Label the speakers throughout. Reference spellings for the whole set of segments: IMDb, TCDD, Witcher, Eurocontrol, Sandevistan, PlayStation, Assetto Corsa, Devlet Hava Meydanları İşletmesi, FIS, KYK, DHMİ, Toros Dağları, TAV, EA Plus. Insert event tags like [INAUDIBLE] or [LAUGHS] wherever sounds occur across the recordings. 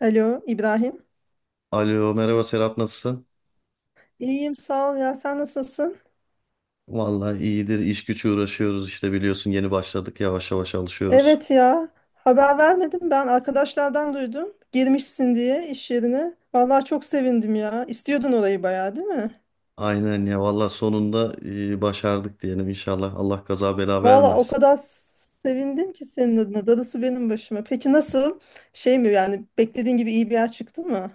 Speaker 1: Alo İbrahim.
Speaker 2: Alo merhaba Serap, nasılsın?
Speaker 1: İyiyim sağ ol ya sen nasılsın?
Speaker 2: Vallahi iyidir, iş güç uğraşıyoruz işte biliyorsun, yeni başladık, yavaş yavaş alışıyoruz.
Speaker 1: Evet ya haber vermedim ben arkadaşlardan duydum. Girmişsin diye iş yerine. Vallahi çok sevindim ya. İstiyordun orayı bayağı değil mi?
Speaker 2: Aynen ya, vallahi sonunda başardık diyelim, inşallah Allah kaza bela
Speaker 1: Vallahi o
Speaker 2: vermez.
Speaker 1: kadar sevindim ki senin adına. Darısı benim başıma. Peki nasıl? Şey mi yani beklediğin gibi iyi bir yer çıktı mı?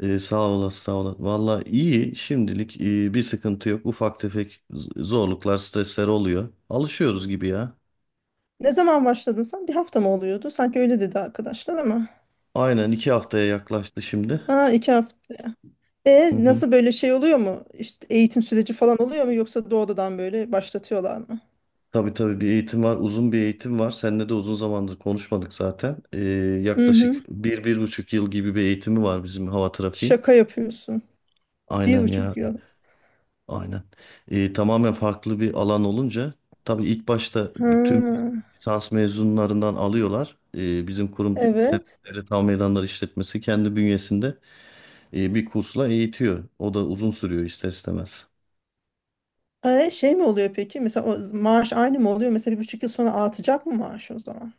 Speaker 2: Sağ olasın, sağ olasın. Vallahi iyi şimdilik, bir sıkıntı yok, ufak tefek zorluklar, stresler oluyor. Alışıyoruz gibi ya.
Speaker 1: Ne zaman başladın sen? Bir hafta mı oluyordu? Sanki öyle dedi arkadaşlar ama.
Speaker 2: Aynen, 2 haftaya yaklaştı şimdi.
Speaker 1: Ha iki hafta. E
Speaker 2: [LAUGHS]
Speaker 1: nasıl böyle şey oluyor mu? İşte eğitim süreci falan oluyor mu yoksa doğrudan böyle başlatıyorlar mı?
Speaker 2: Tabii tabii, bir eğitim var. Uzun bir eğitim var. Seninle de uzun zamandır konuşmadık zaten.
Speaker 1: Hı hı.
Speaker 2: Yaklaşık 1,5 yıl gibi bir eğitimi var bizim, hava trafiği.
Speaker 1: Şaka yapıyorsun. Bir
Speaker 2: Aynen ya.
Speaker 1: buçuk yıl.
Speaker 2: Aynen. Tamamen farklı bir alan olunca tabii ilk başta bütün
Speaker 1: Ha,
Speaker 2: lisans mezunlarından alıyorlar. Bizim kurum
Speaker 1: evet.
Speaker 2: Devlet Hava Meydanları İşletmesi kendi bünyesinde bir kursla eğitiyor. O da uzun sürüyor ister istemez.
Speaker 1: E, şey mi oluyor peki? Mesela o maaş aynı mı oluyor? Mesela bir buçuk yıl sonra artacak mı maaş o zaman?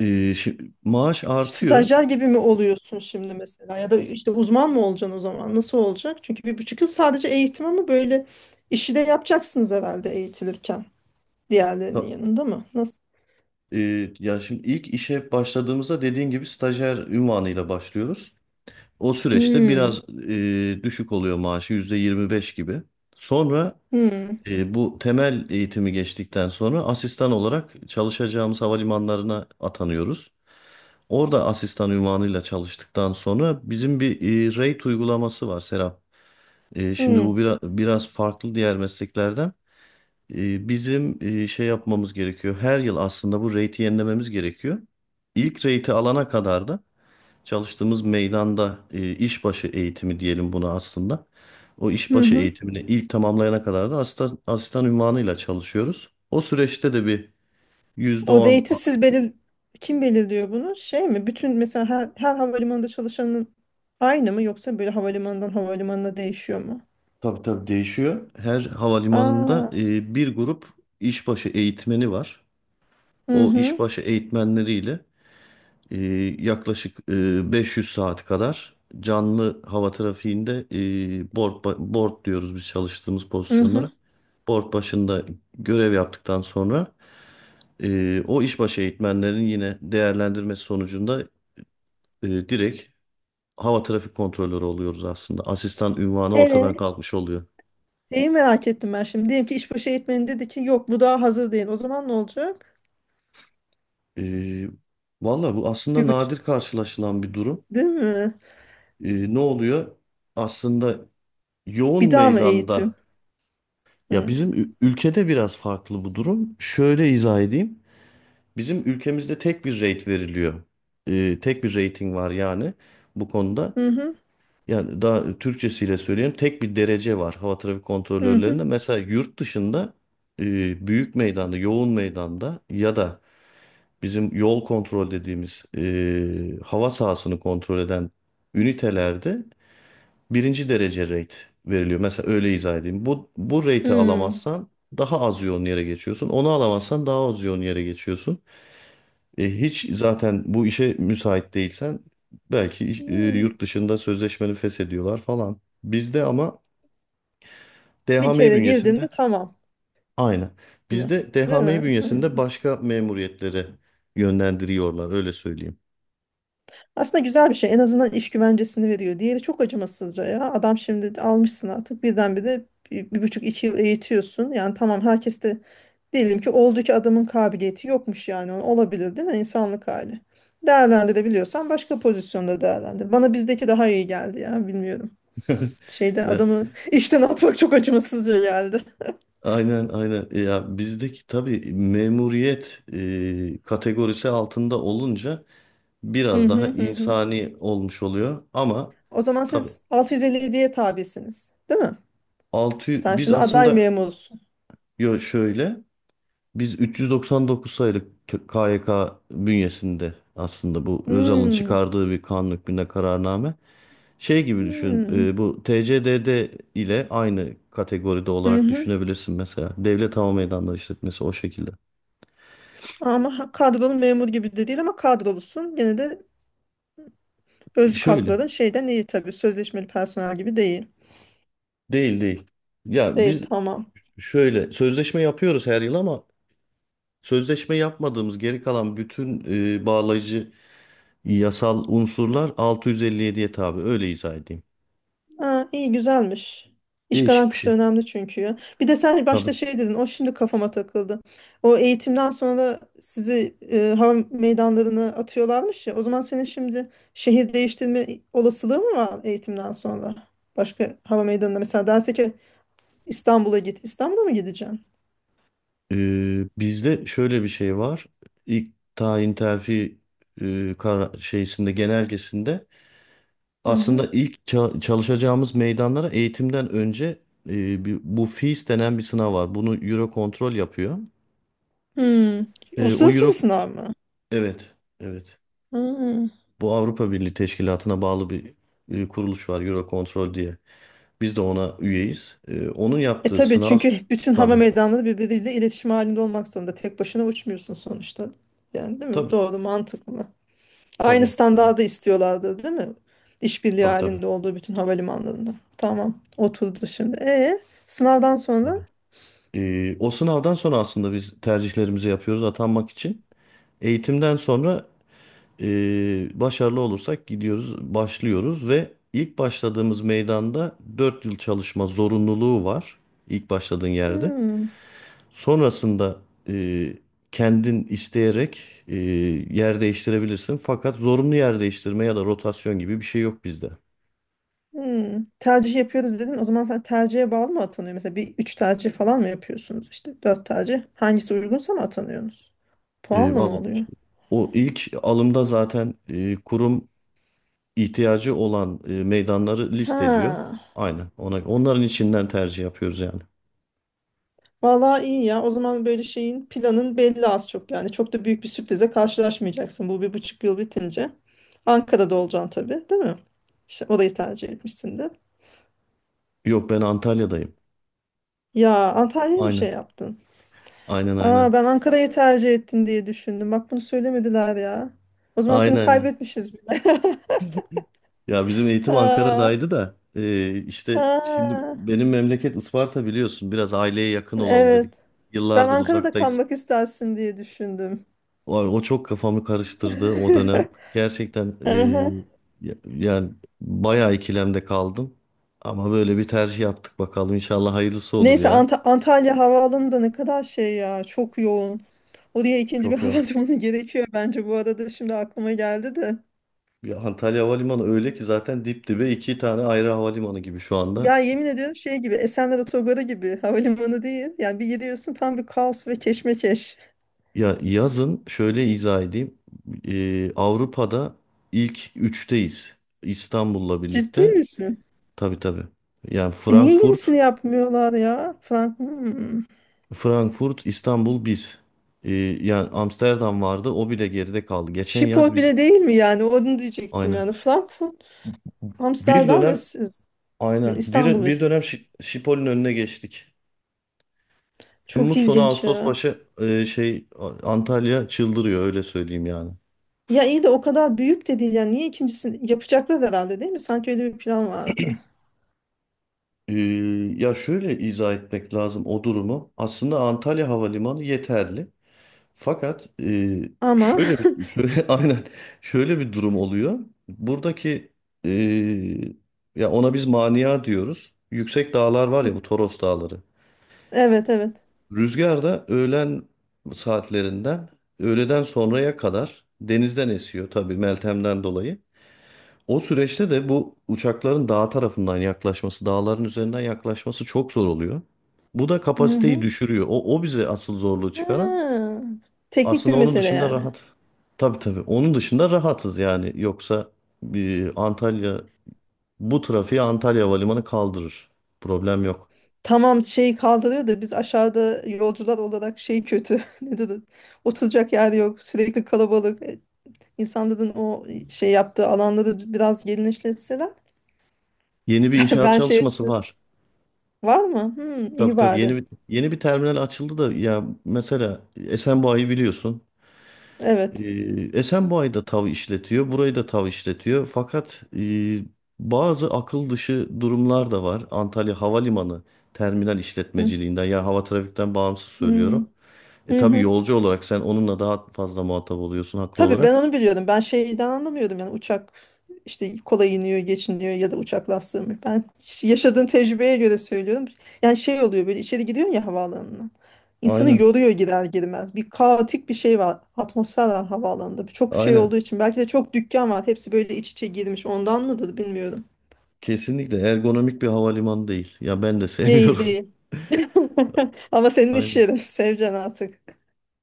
Speaker 2: Ee, Maaş artıyor.
Speaker 1: Stajyer gibi mi oluyorsun şimdi mesela? Ya da işte uzman mı olacaksın o zaman? Nasıl olacak? Çünkü bir buçuk yıl sadece eğitim ama böyle işi de yapacaksınız herhalde eğitilirken. Diğerlerinin yanında mı? Nasıl?
Speaker 2: Ya şimdi ilk işe başladığımızda, dediğin gibi stajyer ünvanıyla başlıyoruz. O süreçte
Speaker 1: Hmm,
Speaker 2: biraz düşük oluyor maaşı, %25 gibi. Sonra
Speaker 1: hmm,
Speaker 2: bu temel eğitimi geçtikten sonra asistan olarak çalışacağımız havalimanlarına atanıyoruz. Orada asistan ünvanıyla çalıştıktan sonra bizim bir rate uygulaması var Serap. Şimdi bu
Speaker 1: hmm.
Speaker 2: biraz farklı diğer mesleklerden. Bizim şey yapmamız gerekiyor. Her yıl aslında bu rate'i yenilememiz gerekiyor. İlk rate'i alana kadar da çalıştığımız meydanda işbaşı eğitimi diyelim buna aslında. O
Speaker 1: Hı
Speaker 2: işbaşı
Speaker 1: hı.
Speaker 2: eğitimini ilk tamamlayana kadar da asistan, asistan unvanıyla çalışıyoruz. O süreçte de bir yüzde
Speaker 1: O
Speaker 2: on
Speaker 1: rate'i siz kim belirliyor bunu? Şey mi? Bütün mesela her, her havalimanında çalışanın aynı mı yoksa böyle havalimanından havalimanına değişiyor mu?
Speaker 2: Tabii tabii, değişiyor. Her
Speaker 1: Aa,
Speaker 2: havalimanında bir grup işbaşı eğitmeni var.
Speaker 1: hı
Speaker 2: O
Speaker 1: hı,
Speaker 2: işbaşı eğitmenleriyle e, yaklaşık 500 saat kadar canlı hava trafiğinde board, board diyoruz biz çalıştığımız
Speaker 1: hı hı.
Speaker 2: pozisyonlara. Board başında görev yaptıktan sonra o işbaşı eğitmenlerin yine değerlendirmesi sonucunda direkt hava trafik kontrolörü oluyoruz aslında. Asistan ünvanı
Speaker 1: Ee,
Speaker 2: ortadan kalkmış oluyor.
Speaker 1: Şeyi merak ettim ben şimdi. Diyelim ki işbaşı eğitmeni dedi ki yok bu daha hazır değil. O zaman ne olacak?
Speaker 2: E, Valla bu aslında
Speaker 1: Bir buçuk,
Speaker 2: nadir karşılaşılan bir durum.
Speaker 1: değil mi?
Speaker 2: Ne oluyor? Aslında yoğun
Speaker 1: Bir daha mı eğitim?
Speaker 2: meydanda. Ya
Speaker 1: Hı
Speaker 2: bizim ülkede biraz farklı bu durum. Şöyle izah edeyim. Bizim ülkemizde tek bir rate veriliyor. Tek bir rating var yani bu konuda.
Speaker 1: hı hı
Speaker 2: Yani daha Türkçesiyle söyleyeyim, tek bir derece var hava trafik
Speaker 1: hı. hı.
Speaker 2: kontrolörlerinde. Mesela yurt dışında büyük meydanda, yoğun meydanda ya da bizim yol kontrol dediğimiz hava sahasını kontrol eden ünitelerde birinci derece rate veriliyor. Mesela öyle izah edeyim. Bu rate'i
Speaker 1: Hı.
Speaker 2: alamazsan daha az yoğun yere geçiyorsun. Onu alamazsan daha az yoğun yere geçiyorsun. Hiç zaten bu işe müsait değilsen belki
Speaker 1: Hı.
Speaker 2: yurt dışında sözleşmeni feshediyorlar falan. Bizde ama
Speaker 1: Bir
Speaker 2: DHM
Speaker 1: kere girdin mi
Speaker 2: bünyesinde.
Speaker 1: tamam
Speaker 2: Aynen.
Speaker 1: mı?
Speaker 2: Bizde
Speaker 1: Değil
Speaker 2: DHMİ
Speaker 1: mi? Hı.
Speaker 2: bünyesinde başka memuriyetlere yönlendiriyorlar, öyle söyleyeyim.
Speaker 1: Aslında güzel bir şey. En azından iş güvencesini veriyor. Diğeri çok acımasızca ya. Adam şimdi almışsın artık. Birdenbire bir, bir buçuk iki yıl eğitiyorsun. Yani tamam herkes de diyelim ki oldu ki adamın kabiliyeti yokmuş yani. Olabilir değil mi? İnsanlık hali. Değerlendirebiliyorsan başka pozisyonda değerlendir. Bana bizdeki daha iyi geldi ya. Bilmiyorum.
Speaker 2: [LAUGHS]
Speaker 1: Şeyde
Speaker 2: Ya
Speaker 1: adamı [LAUGHS] işten atmak çok acımasızca geldi.
Speaker 2: aynen aynen. Ya bizdeki tabii memuriyet kategorisi altında olunca
Speaker 1: Hı
Speaker 2: biraz daha
Speaker 1: hı hı. hı.
Speaker 2: insani olmuş oluyor ama
Speaker 1: O zaman
Speaker 2: tabii
Speaker 1: siz 657'ye tabisiniz, değil mi?
Speaker 2: altı
Speaker 1: Sen
Speaker 2: biz
Speaker 1: şimdi aday
Speaker 2: aslında
Speaker 1: memursun.
Speaker 2: yo şöyle. Biz 399 sayılı KYK bünyesinde aslında, bu Özal'ın
Speaker 1: Hmm.
Speaker 2: çıkardığı bir kanun hükmünde kararname şey gibi düşün.
Speaker 1: Hmm.
Speaker 2: Bu TCDD ile aynı kategoride
Speaker 1: Hı
Speaker 2: olarak
Speaker 1: hı.
Speaker 2: düşünebilirsin mesela. Devlet Hava Meydanları işletmesi o şekilde.
Speaker 1: Ama kadrolu memur gibi de değil ama kadrolusun. Gene de özlük
Speaker 2: Şöyle
Speaker 1: hakların şeyden iyi tabii. Sözleşmeli personel gibi değil.
Speaker 2: değil değil. Ya
Speaker 1: Değil
Speaker 2: biz
Speaker 1: tamam.
Speaker 2: şöyle sözleşme yapıyoruz her yıl ama sözleşme yapmadığımız geri kalan bütün bağlayıcı yasal unsurlar 657'ye tabi, öyle izah edeyim.
Speaker 1: Ha, iyi güzelmiş. İş
Speaker 2: Değişik bir
Speaker 1: garantisi
Speaker 2: şey.
Speaker 1: önemli çünkü ya. Bir de sen başta
Speaker 2: Tabii.
Speaker 1: şey dedin. O şimdi kafama takıldı. O eğitimden sonra sizi hava meydanlarına atıyorlarmış ya. O zaman senin şimdi şehir değiştirme olasılığı mı var eğitimden sonra? Başka hava meydanına mesela derse ki İstanbul'a git. İstanbul'a mı gideceksin?
Speaker 2: Bizde şöyle bir şey var. İlk tayin terfi şeysinde, genelgesinde
Speaker 1: Hı hı.
Speaker 2: aslında ilk çalışacağımız meydanlara eğitimden önce bu FIS denen bir sınav var. Bunu Eurocontrol yapıyor.
Speaker 1: Hmm.
Speaker 2: O
Speaker 1: Uluslararası bir
Speaker 2: Euro,
Speaker 1: sınav mı?
Speaker 2: evet evet.
Speaker 1: Hmm.
Speaker 2: Bu Avrupa Birliği Teşkilatı'na bağlı bir kuruluş var Eurocontrol diye. Biz de ona üyeyiz. Onun
Speaker 1: E
Speaker 2: yaptığı
Speaker 1: tabii
Speaker 2: sınav,
Speaker 1: çünkü bütün hava
Speaker 2: tabii
Speaker 1: meydanları birbiriyle iletişim halinde olmak zorunda. Tek başına uçmuyorsun sonuçta. Yani değil mi?
Speaker 2: tabii
Speaker 1: Doğru, mantıklı. Aynı
Speaker 2: tabii tabii
Speaker 1: standardı istiyorlardı, değil mi? İşbirliği
Speaker 2: tabii tabii.
Speaker 1: halinde olduğu bütün havalimanlarında. Tamam, oturdu şimdi. E sınavdan sonra.
Speaker 2: Tabii. O sınavdan sonra aslında biz tercihlerimizi yapıyoruz atanmak için. Eğitimden sonra başarılı olursak gidiyoruz, başlıyoruz ve ilk başladığımız meydanda 4 yıl çalışma zorunluluğu var, ilk başladığın yerde.
Speaker 1: Hmm,
Speaker 2: Sonrasında e, kendin isteyerek e, yer değiştirebilirsin. Fakat zorunlu yer değiştirme ya da rotasyon gibi bir şey yok bizde.
Speaker 1: hmm. Tercih yapıyoruz dedin. O zaman sen tercihe bağlı mı atanıyor? Mesela bir üç tercih falan mı yapıyorsunuz? İşte dört tercih. Hangisi uygunsa mı atanıyorsunuz? Puanla mı
Speaker 2: Vallahi
Speaker 1: oluyor?
Speaker 2: o ilk alımda zaten kurum ihtiyacı olan meydanları listeliyor.
Speaker 1: Ha.
Speaker 2: Aynen. Onların içinden tercih yapıyoruz yani.
Speaker 1: Vallahi iyi ya. O zaman böyle şeyin planın belli az çok yani. Çok da büyük bir sürprize karşılaşmayacaksın bu bir buçuk yıl bitince. Ankara'da olacaksın tabii, değil mi? İşte orayı tercih etmişsin de.
Speaker 2: Yok, ben Antalya'dayım.
Speaker 1: Ya Antalya'ya mı şey
Speaker 2: Aynen.
Speaker 1: yaptın?
Speaker 2: Aynen aynen.
Speaker 1: Aa ben Ankara'yı tercih ettin diye düşündüm. Bak bunu söylemediler ya. O zaman seni
Speaker 2: Aynen ya.
Speaker 1: kaybetmişiz bile. [LAUGHS]
Speaker 2: Ya bizim eğitim
Speaker 1: Ha,
Speaker 2: Ankara'daydı da işte şimdi
Speaker 1: ha,
Speaker 2: benim memleket Isparta biliyorsun. Biraz aileye yakın olalım dedik.
Speaker 1: evet. Ben
Speaker 2: Yıllardır
Speaker 1: Ankara'da
Speaker 2: uzaktayız.
Speaker 1: kalmak istersin diye düşündüm.
Speaker 2: Vay, o çok kafamı karıştırdı o dönem.
Speaker 1: [LAUGHS]
Speaker 2: Gerçekten
Speaker 1: Aha.
Speaker 2: yani bayağı ikilemde kaldım. Ama böyle bir tercih yaptık bakalım. İnşallah hayırlısı olur
Speaker 1: Neyse
Speaker 2: ya.
Speaker 1: Antalya Havaalanı da ne kadar şey ya çok yoğun. Oraya ikinci bir [LAUGHS]
Speaker 2: Çok yok.
Speaker 1: hava durumu gerekiyor bence bu arada şimdi aklıma geldi de.
Speaker 2: Ya Antalya Havalimanı öyle ki zaten dip dibe iki tane ayrı havalimanı gibi şu anda.
Speaker 1: Ya yemin ediyorum şey gibi Esenler Otogarı gibi havalimanı değil. Yani bir gidiyorsun tam bir kaos ve keşmekeş.
Speaker 2: Ya yazın şöyle izah edeyim. Avrupa'da ilk üçteyiz. İstanbul'la
Speaker 1: Ciddi
Speaker 2: birlikte.
Speaker 1: misin?
Speaker 2: Tabii tabii. Yani
Speaker 1: E niye
Speaker 2: Frankfurt.
Speaker 1: yenisini yapmıyorlar ya? Frank hmm.
Speaker 2: Frankfurt, İstanbul, biz. Ee, Yani Amsterdam vardı. O bile geride kaldı. Geçen yaz
Speaker 1: Schiphol
Speaker 2: biz
Speaker 1: bile değil mi yani? Onu diyecektim yani.
Speaker 2: aynen.
Speaker 1: Frankfurt,
Speaker 2: Bir
Speaker 1: Amsterdam ve
Speaker 2: dönem
Speaker 1: siz. Hmm,
Speaker 2: aynen.
Speaker 1: İstanbul ve
Speaker 2: Bir dönem
Speaker 1: siz.
Speaker 2: Şipol'ün önüne geçtik.
Speaker 1: Çok
Speaker 2: Temmuz sonu
Speaker 1: ilginç
Speaker 2: Ağustos
Speaker 1: ya.
Speaker 2: başı şey Antalya çıldırıyor, öyle söyleyeyim yani.
Speaker 1: Ya iyi de o kadar büyük de değil yani niye ikincisini yapacaklar herhalde değil mi? Sanki öyle bir plan vardı.
Speaker 2: Ee, Ya şöyle izah etmek lazım o durumu. Aslında Antalya Havalimanı yeterli. Fakat
Speaker 1: Ama
Speaker 2: şöyle bir [LAUGHS] şöyle, aynen şöyle bir durum oluyor. Buradaki e, ya ona biz mania diyoruz. Yüksek dağlar var ya, bu
Speaker 1: [LAUGHS]
Speaker 2: Toros Dağları.
Speaker 1: evet evet.
Speaker 2: Rüzgar da öğlen saatlerinden öğleden sonraya kadar denizden esiyor, tabii Meltem'den dolayı. O süreçte de bu uçakların dağ tarafından yaklaşması, dağların üzerinden yaklaşması çok zor oluyor. Bu da
Speaker 1: Hı
Speaker 2: kapasiteyi
Speaker 1: hı.
Speaker 2: düşürüyor. O bize asıl zorluğu çıkaran.
Speaker 1: Ha, teknik bir
Speaker 2: Aslında onun
Speaker 1: mesele
Speaker 2: dışında
Speaker 1: yani.
Speaker 2: rahat. Tabii tabii. Onun dışında rahatız yani. Yoksa bir Antalya, bu trafiği Antalya Havalimanı kaldırır. Problem yok.
Speaker 1: Tamam şeyi kaldırıyor da biz aşağıda yolcular olarak şey kötü. [LAUGHS] Nedir? O? Oturacak yer yok. Sürekli kalabalık. İnsanların o şey yaptığı alanları biraz genişletseler. [LAUGHS]
Speaker 2: Yeni bir
Speaker 1: Ben,
Speaker 2: inşaat
Speaker 1: ben şey
Speaker 2: çalışması
Speaker 1: açtım.
Speaker 2: var.
Speaker 1: Var mı? Hmm,
Speaker 2: Tabii
Speaker 1: iyi
Speaker 2: tabii.
Speaker 1: bari.
Speaker 2: Yeni bir terminal açıldı da, ya mesela Esenboğa'yı biliyorsun. Ee,
Speaker 1: Evet.
Speaker 2: Esenboğa'yı da TAV işletiyor. Burayı da TAV işletiyor. Fakat bazı akıl dışı durumlar da var. Antalya Havalimanı terminal
Speaker 1: Hı
Speaker 2: işletmeciliğinden, ya hava trafikten bağımsız
Speaker 1: hı.
Speaker 2: söylüyorum.
Speaker 1: Hı
Speaker 2: Tabii
Speaker 1: hı.
Speaker 2: yolcu olarak sen onunla daha fazla muhatap oluyorsun haklı
Speaker 1: Tabii ben
Speaker 2: olarak.
Speaker 1: onu biliyordum. Ben şeyden anlamıyordum yani uçak işte kolay iniyor, geçiniyor ya da uçak lastiği mi? Ben yaşadığım tecrübeye göre söylüyorum. Yani şey oluyor böyle içeri giriyorsun ya havaalanına. İnsanı
Speaker 2: Aynen.
Speaker 1: yoruyor girer girmez. Bir kaotik bir şey var. Atmosfer var havaalanında. Çok şey
Speaker 2: Aynen.
Speaker 1: olduğu için belki de çok dükkan var. Hepsi böyle iç içe girmiş. Ondan mıdır bilmiyorum.
Speaker 2: Kesinlikle ergonomik bir havalimanı değil. Ya ben de
Speaker 1: Değil
Speaker 2: sevmiyorum.
Speaker 1: değil. [LAUGHS] Ama
Speaker 2: [LAUGHS]
Speaker 1: senin iş
Speaker 2: Aynen.
Speaker 1: yerin. [LAUGHS] Seveceksin artık.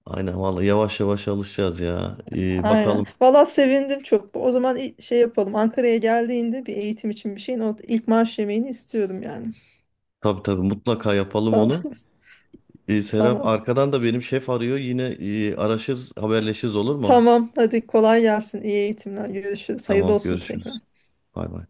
Speaker 2: Aynen vallahi yavaş yavaş alışacağız ya.
Speaker 1: Aynen.
Speaker 2: Bakalım.
Speaker 1: Valla sevindim çok. O zaman şey yapalım. Ankara'ya geldiğinde bir eğitim için bir şeyin o ilk maaş yemeğini istiyorum yani.
Speaker 2: Tabii tabii mutlaka yapalım
Speaker 1: Tamam.
Speaker 2: onu.
Speaker 1: [LAUGHS]
Speaker 2: Serap
Speaker 1: Tamam.
Speaker 2: arkadan da benim şef arıyor. Yine araşırız, haberleşiriz, olur mu?
Speaker 1: Tamam. Hadi kolay gelsin. İyi eğitimler. Görüşürüz. Hayırlı
Speaker 2: Tamam
Speaker 1: olsun tekrar.
Speaker 2: görüşürüz. Bay bay.